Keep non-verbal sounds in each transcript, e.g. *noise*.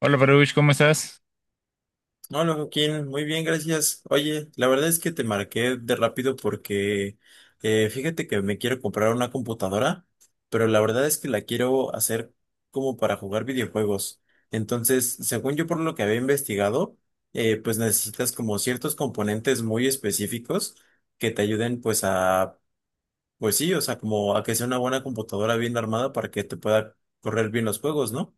Hola, Baruch, ¿cómo estás? Hola Joaquín, muy bien, gracias. Oye, la verdad es que te marqué de rápido porque fíjate que me quiero comprar una computadora, pero la verdad es que la quiero hacer como para jugar videojuegos. Entonces, según yo por lo que había investigado, pues necesitas como ciertos componentes muy específicos que te ayuden pues a, pues sí, o sea, como a que sea una buena computadora bien armada para que te pueda correr bien los juegos, ¿no?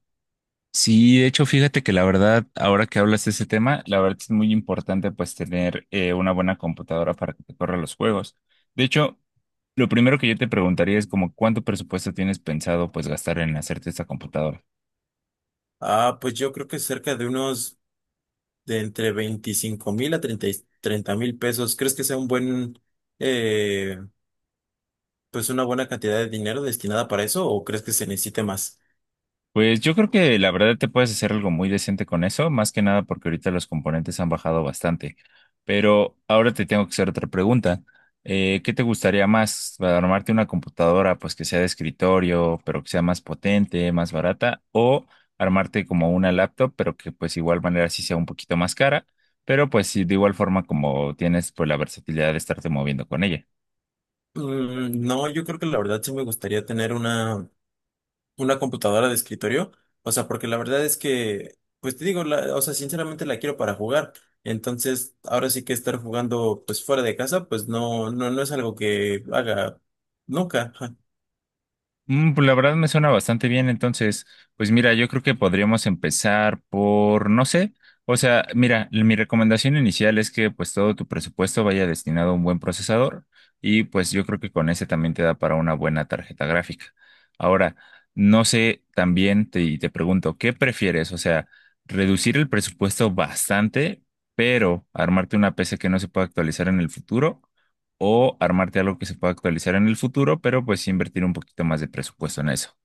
Sí, de hecho, fíjate que la verdad, ahora que hablas de ese tema, la verdad es muy importante pues tener una buena computadora para que te corra los juegos. De hecho, lo primero que yo te preguntaría es como cuánto presupuesto tienes pensado pues gastar en hacerte esta computadora. Ah, pues yo creo que cerca de unos... de entre 25,000 a 30,000 pesos. ¿Crees que sea un buen, eh, pues una buena cantidad de dinero destinada para eso o crees que se necesite más? Pues yo creo que la verdad te puedes hacer algo muy decente con eso, más que nada porque ahorita los componentes han bajado bastante. Pero ahora te tengo que hacer otra pregunta. ¿Qué te gustaría más? ¿Armarte una computadora pues que sea de escritorio, pero que sea más potente, más barata? ¿O armarte como una laptop, pero que pues igual manera sí sea un poquito más cara, pero pues sí, de igual forma como tienes pues la versatilidad de estarte moviendo con ella? Mm, no, yo creo que la verdad sí me gustaría tener una computadora de escritorio. O sea, porque la verdad es que, pues te digo, o sea, sinceramente la quiero para jugar. Entonces, ahora sí que estar jugando pues fuera de casa, pues no, no, no es algo que haga nunca. *laughs* Mm, pues la verdad me suena bastante bien, entonces, pues mira, yo creo que podríamos empezar por, no sé, o sea, mira, mi recomendación inicial es que pues todo tu presupuesto vaya destinado a un buen procesador y pues yo creo que con ese también te da para una buena tarjeta gráfica. Ahora, no sé, y te pregunto, ¿qué prefieres? O sea, reducir el presupuesto bastante, pero armarte una PC que no se pueda actualizar en el futuro o armarte algo que se pueda actualizar en el futuro, pero pues sí invertir un poquito más de presupuesto en eso.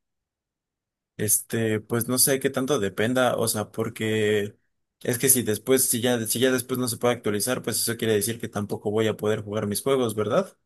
Este, pues no sé qué tanto dependa, o sea, porque es que si después, si ya después no se puede actualizar, pues eso quiere decir que tampoco voy a poder jugar mis juegos, ¿verdad?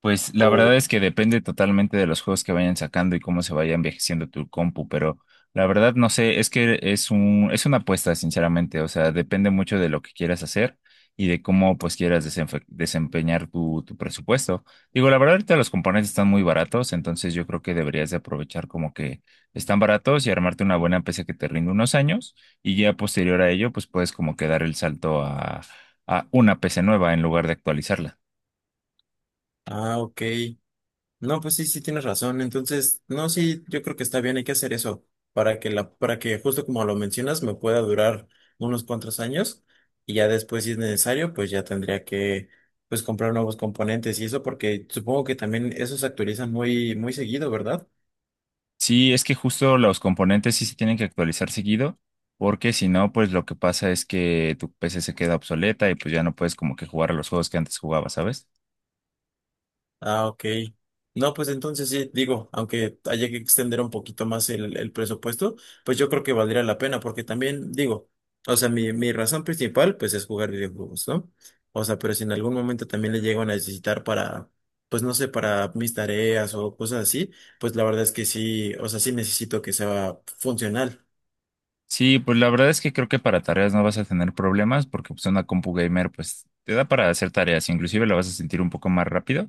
Pues la verdad O, es que depende totalmente de los juegos que vayan sacando y cómo se vaya envejeciendo tu compu, pero la verdad no sé, es que es una apuesta, sinceramente, o sea, depende mucho de lo que quieras hacer y de cómo pues quieras desempeñar tu presupuesto. Digo, la verdad ahorita los componentes están muy baratos, entonces yo creo que deberías de aprovechar como que están baratos y armarte una buena PC que te rinde unos años y ya posterior a ello pues puedes como que dar el salto a una PC nueva en lugar de actualizarla. ah, ok. No, pues sí, sí tienes razón. Entonces, no, sí, yo creo que está bien, hay que hacer eso para que para que justo como lo mencionas, me pueda durar unos cuantos años y ya después, si es necesario, pues ya tendría que, pues comprar nuevos componentes y eso, porque supongo que también esos se actualizan muy, muy seguido, ¿verdad? Sí, es que justo los componentes sí se tienen que actualizar seguido, porque si no, pues lo que pasa es que tu PC se queda obsoleta y pues ya no puedes como que jugar a los juegos que antes jugabas, ¿sabes? Ah, ok. No, pues entonces sí, digo, aunque haya que extender un poquito más el presupuesto, pues yo creo que valdría la pena, porque también digo, o sea, mi razón principal, pues es jugar videojuegos, ¿no? O sea, pero si en algún momento también le llego a necesitar para, pues no sé, para mis tareas o cosas así, pues la verdad es que sí, o sea, sí necesito que sea funcional. Sí, pues la verdad es que creo que para tareas no vas a tener problemas porque pues una compu gamer pues te da para hacer tareas, inclusive la vas a sentir un poco más rápido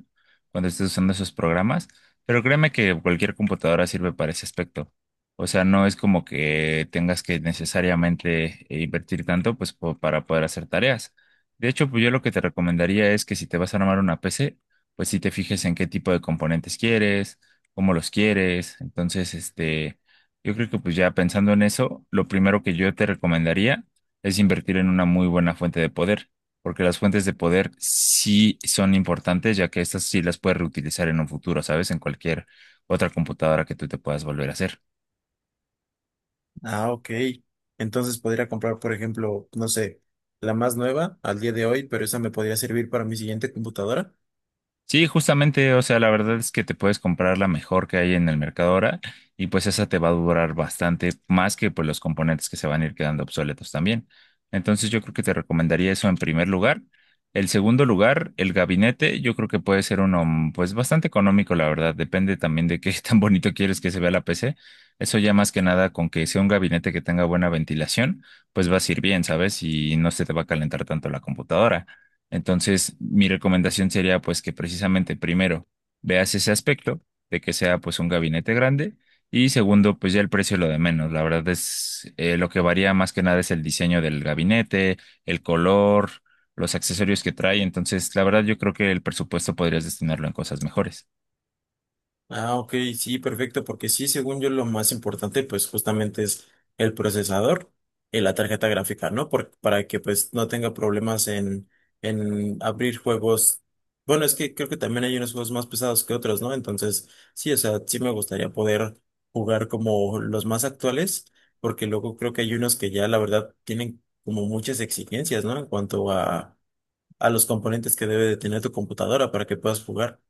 cuando estés usando esos programas, pero créeme que cualquier computadora sirve para ese aspecto. O sea, no es como que tengas que necesariamente invertir tanto pues para poder hacer tareas. De hecho, pues yo lo que te recomendaría es que si te vas a armar una PC, pues si te fijes en qué tipo de componentes quieres, cómo los quieres, entonces este yo creo que pues ya pensando en eso, lo primero que yo te recomendaría es invertir en una muy buena fuente de poder, porque las fuentes de poder sí son importantes, ya que estas sí las puedes reutilizar en un futuro, ¿sabes? En cualquier otra computadora que tú te puedas volver a hacer. Ah, ok. Entonces podría comprar, por ejemplo, no sé, la más nueva al día de hoy, pero esa me podría servir para mi siguiente computadora. Sí, justamente, o sea, la verdad es que te puedes comprar la mejor que hay en el mercado ahora y pues esa te va a durar bastante más que pues los componentes que se van a ir quedando obsoletos también. Entonces yo creo que te recomendaría eso en primer lugar. El segundo lugar, el gabinete, yo creo que puede ser uno mm, pues bastante económico, la verdad, depende también de qué *laughs* tan bonito quieres que se vea la PC. Eso ya más que nada con que sea un gabinete que tenga buena ventilación, pues va a ir bien, ¿sabes? Y no se te va a calentar tanto la computadora. Entonces, mi recomendación sería pues que precisamente primero veas ese aspecto de que sea pues un gabinete grande y segundo pues ya el precio es lo de menos. La verdad es lo que varía más que nada es el diseño del gabinete, el color, los accesorios que trae. Entonces, la verdad yo creo que el presupuesto podrías destinarlo en cosas mejores. Ah, ok, sí, perfecto, porque sí, según yo, lo más importante, pues justamente es el procesador y la tarjeta gráfica, ¿no? Para que pues no tenga problemas en abrir juegos. Bueno, es que creo que también hay unos juegos más pesados que otros, ¿no? Entonces, sí, o sea, sí me gustaría poder jugar como los más actuales, porque luego creo que hay unos que ya la verdad tienen como muchas exigencias, ¿no? En cuanto a los componentes que debe de tener tu computadora para que puedas jugar.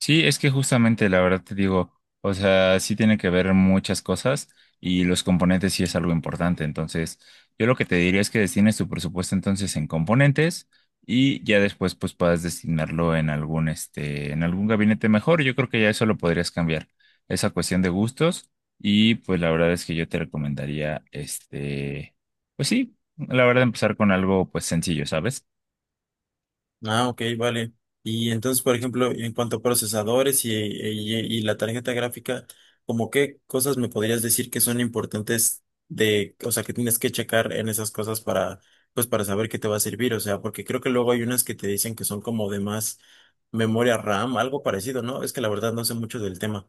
Sí, es que justamente la verdad te digo, o sea, sí tiene que ver muchas cosas y los componentes sí es algo importante. Entonces, yo lo que te diría es que destines tu presupuesto entonces en componentes y ya después pues puedas destinarlo en algún este, en algún gabinete mejor. Yo creo que ya eso lo podrías cambiar, esa cuestión de gustos y pues la verdad es que yo te recomendaría este, pues sí, la verdad empezar con algo pues sencillo, ¿sabes? Ah, ok, vale. Y entonces, por ejemplo, en cuanto a procesadores y, y la tarjeta gráfica, ¿como qué cosas me podrías decir que son importantes de, o sea, que tienes que checar en esas cosas para, pues, para saber qué te va a servir? O sea, porque creo que luego hay unas que te dicen que son como de más memoria RAM, algo parecido, ¿no? Es que la verdad no sé mucho del tema.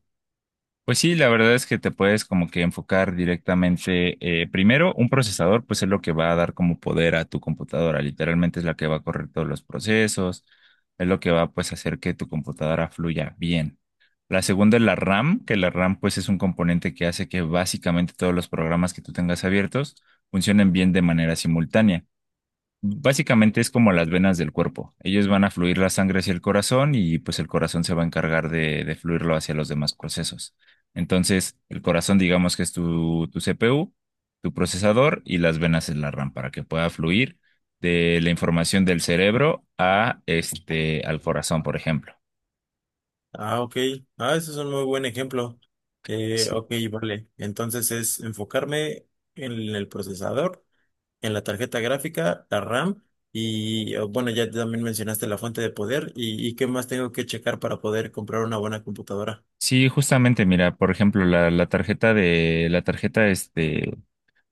Pues sí, la verdad es que te puedes como que enfocar directamente. Eh, primero, un procesador, pues es lo que va a dar como poder a tu computadora. Literalmente es la que va a correr todos los procesos, es lo que va pues a hacer que tu computadora fluya bien. La segunda es la RAM, que la RAM pues es un componente que hace que básicamente todos los programas que tú tengas abiertos funcionen bien de manera simultánea. Básicamente es como las venas del cuerpo. Ellos van a fluir la sangre hacia el corazón y pues el corazón se va a encargar de fluirlo hacia los demás procesos. Entonces, el corazón digamos que es tu CPU, tu procesador y las venas es la RAM para que pueda fluir de la información del cerebro a este, al corazón, por ejemplo. Ah, ok. Ah, ese es un muy buen ejemplo. Ok, vale. Entonces es enfocarme en el procesador, en la tarjeta gráfica, la RAM y bueno, ya también mencionaste la fuente de poder y qué más tengo que checar para poder comprar una buena computadora. Sí, justamente, mira, por ejemplo, la tarjeta de la tarjeta este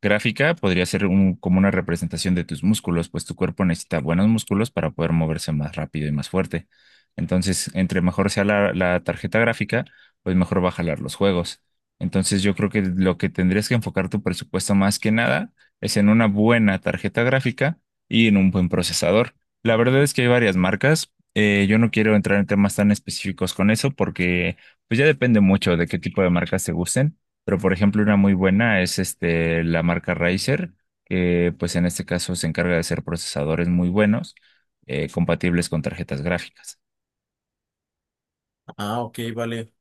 Gráfica podría ser como una representación de tus músculos, pues tu cuerpo necesita buenos músculos para poder moverse más rápido y más fuerte. Entonces, entre mejor sea la tarjeta gráfica, pues mejor va a jalar los juegos. Entonces, yo creo que lo que tendrías que enfocar tu presupuesto más que nada es en una buena tarjeta gráfica y en un buen procesador. La verdad es que hay varias marcas. Yo no quiero entrar en temas tan específicos con eso porque pues ya depende mucho de qué tipo de marcas te gusten pero por ejemplo, una muy buena es este, la marca Razer, que pues en este caso se encarga de hacer procesadores muy buenos, compatibles con tarjetas gráficas. Ah, ok, vale.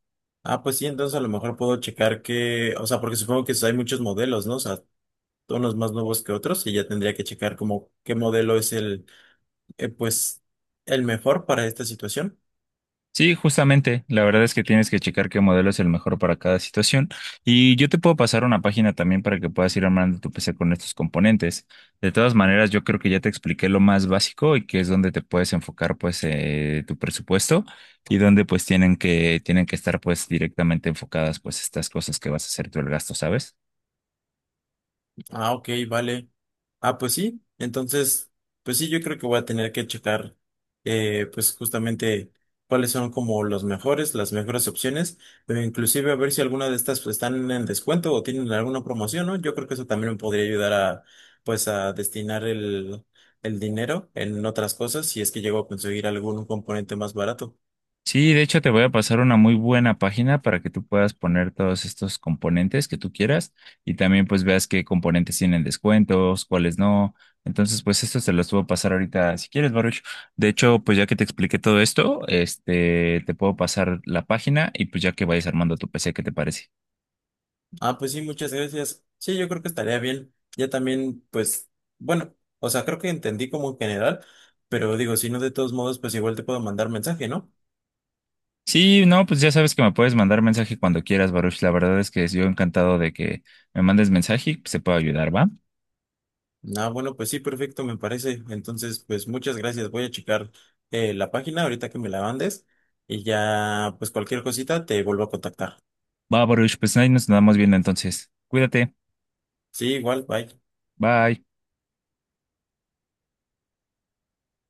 Ah, pues sí, entonces a lo mejor puedo checar que, o sea, porque supongo que hay muchos modelos, ¿no? O sea, unos más nuevos que otros y ya tendría que checar como qué modelo es el, pues, el mejor para esta situación. Sí, justamente. La verdad es que tienes que checar qué modelo es el mejor para cada situación. Y yo te puedo pasar una página también para que puedas ir armando tu PC con estos componentes. De todas maneras, yo creo que ya te expliqué lo más básico y que es donde te puedes enfocar pues tu presupuesto y donde pues tienen que estar pues directamente enfocadas pues estas cosas que vas a hacer tú el gasto, ¿sabes? Ah, ok, vale. Ah, pues sí. Entonces, pues sí, yo creo que voy a tener que checar, pues justamente cuáles son como los mejores, las mejores opciones, pero inclusive a ver si alguna de estas pues, están en descuento o tienen alguna promoción, ¿no? Yo creo que eso también me podría ayudar a, pues, a destinar el dinero en otras cosas si es que llego a conseguir algún componente más barato. Sí, de hecho te voy a pasar una muy buena página para que tú puedas poner todos estos componentes que tú quieras y también pues veas qué componentes tienen descuentos, cuáles no. Entonces, pues esto se los puedo pasar ahorita si quieres, Baruch. De hecho, pues ya que te expliqué todo esto, este, te puedo pasar la página y pues ya que vayas armando tu PC, ¿qué te parece? Ah, pues sí, muchas gracias. Sí, yo creo que estaría bien. Ya también, pues, bueno, o sea, creo que entendí como en general, pero digo, si no, de todos modos, pues igual te puedo mandar mensaje, ¿no? Sí, no, pues ya sabes que me puedes mandar mensaje cuando quieras, Baruch. La verdad es que yo encantado de que me mandes mensaje y pues, te puedo ayudar, ¿va? Ah, bueno, pues sí, perfecto, me parece. Entonces, pues muchas gracias. Voy a checar la página ahorita que me la mandes y ya, pues cualquier cosita te vuelvo a contactar. Va, Baruch, pues ahí nos andamos viendo entonces. Cuídate. Sí, igual, bye. Bye.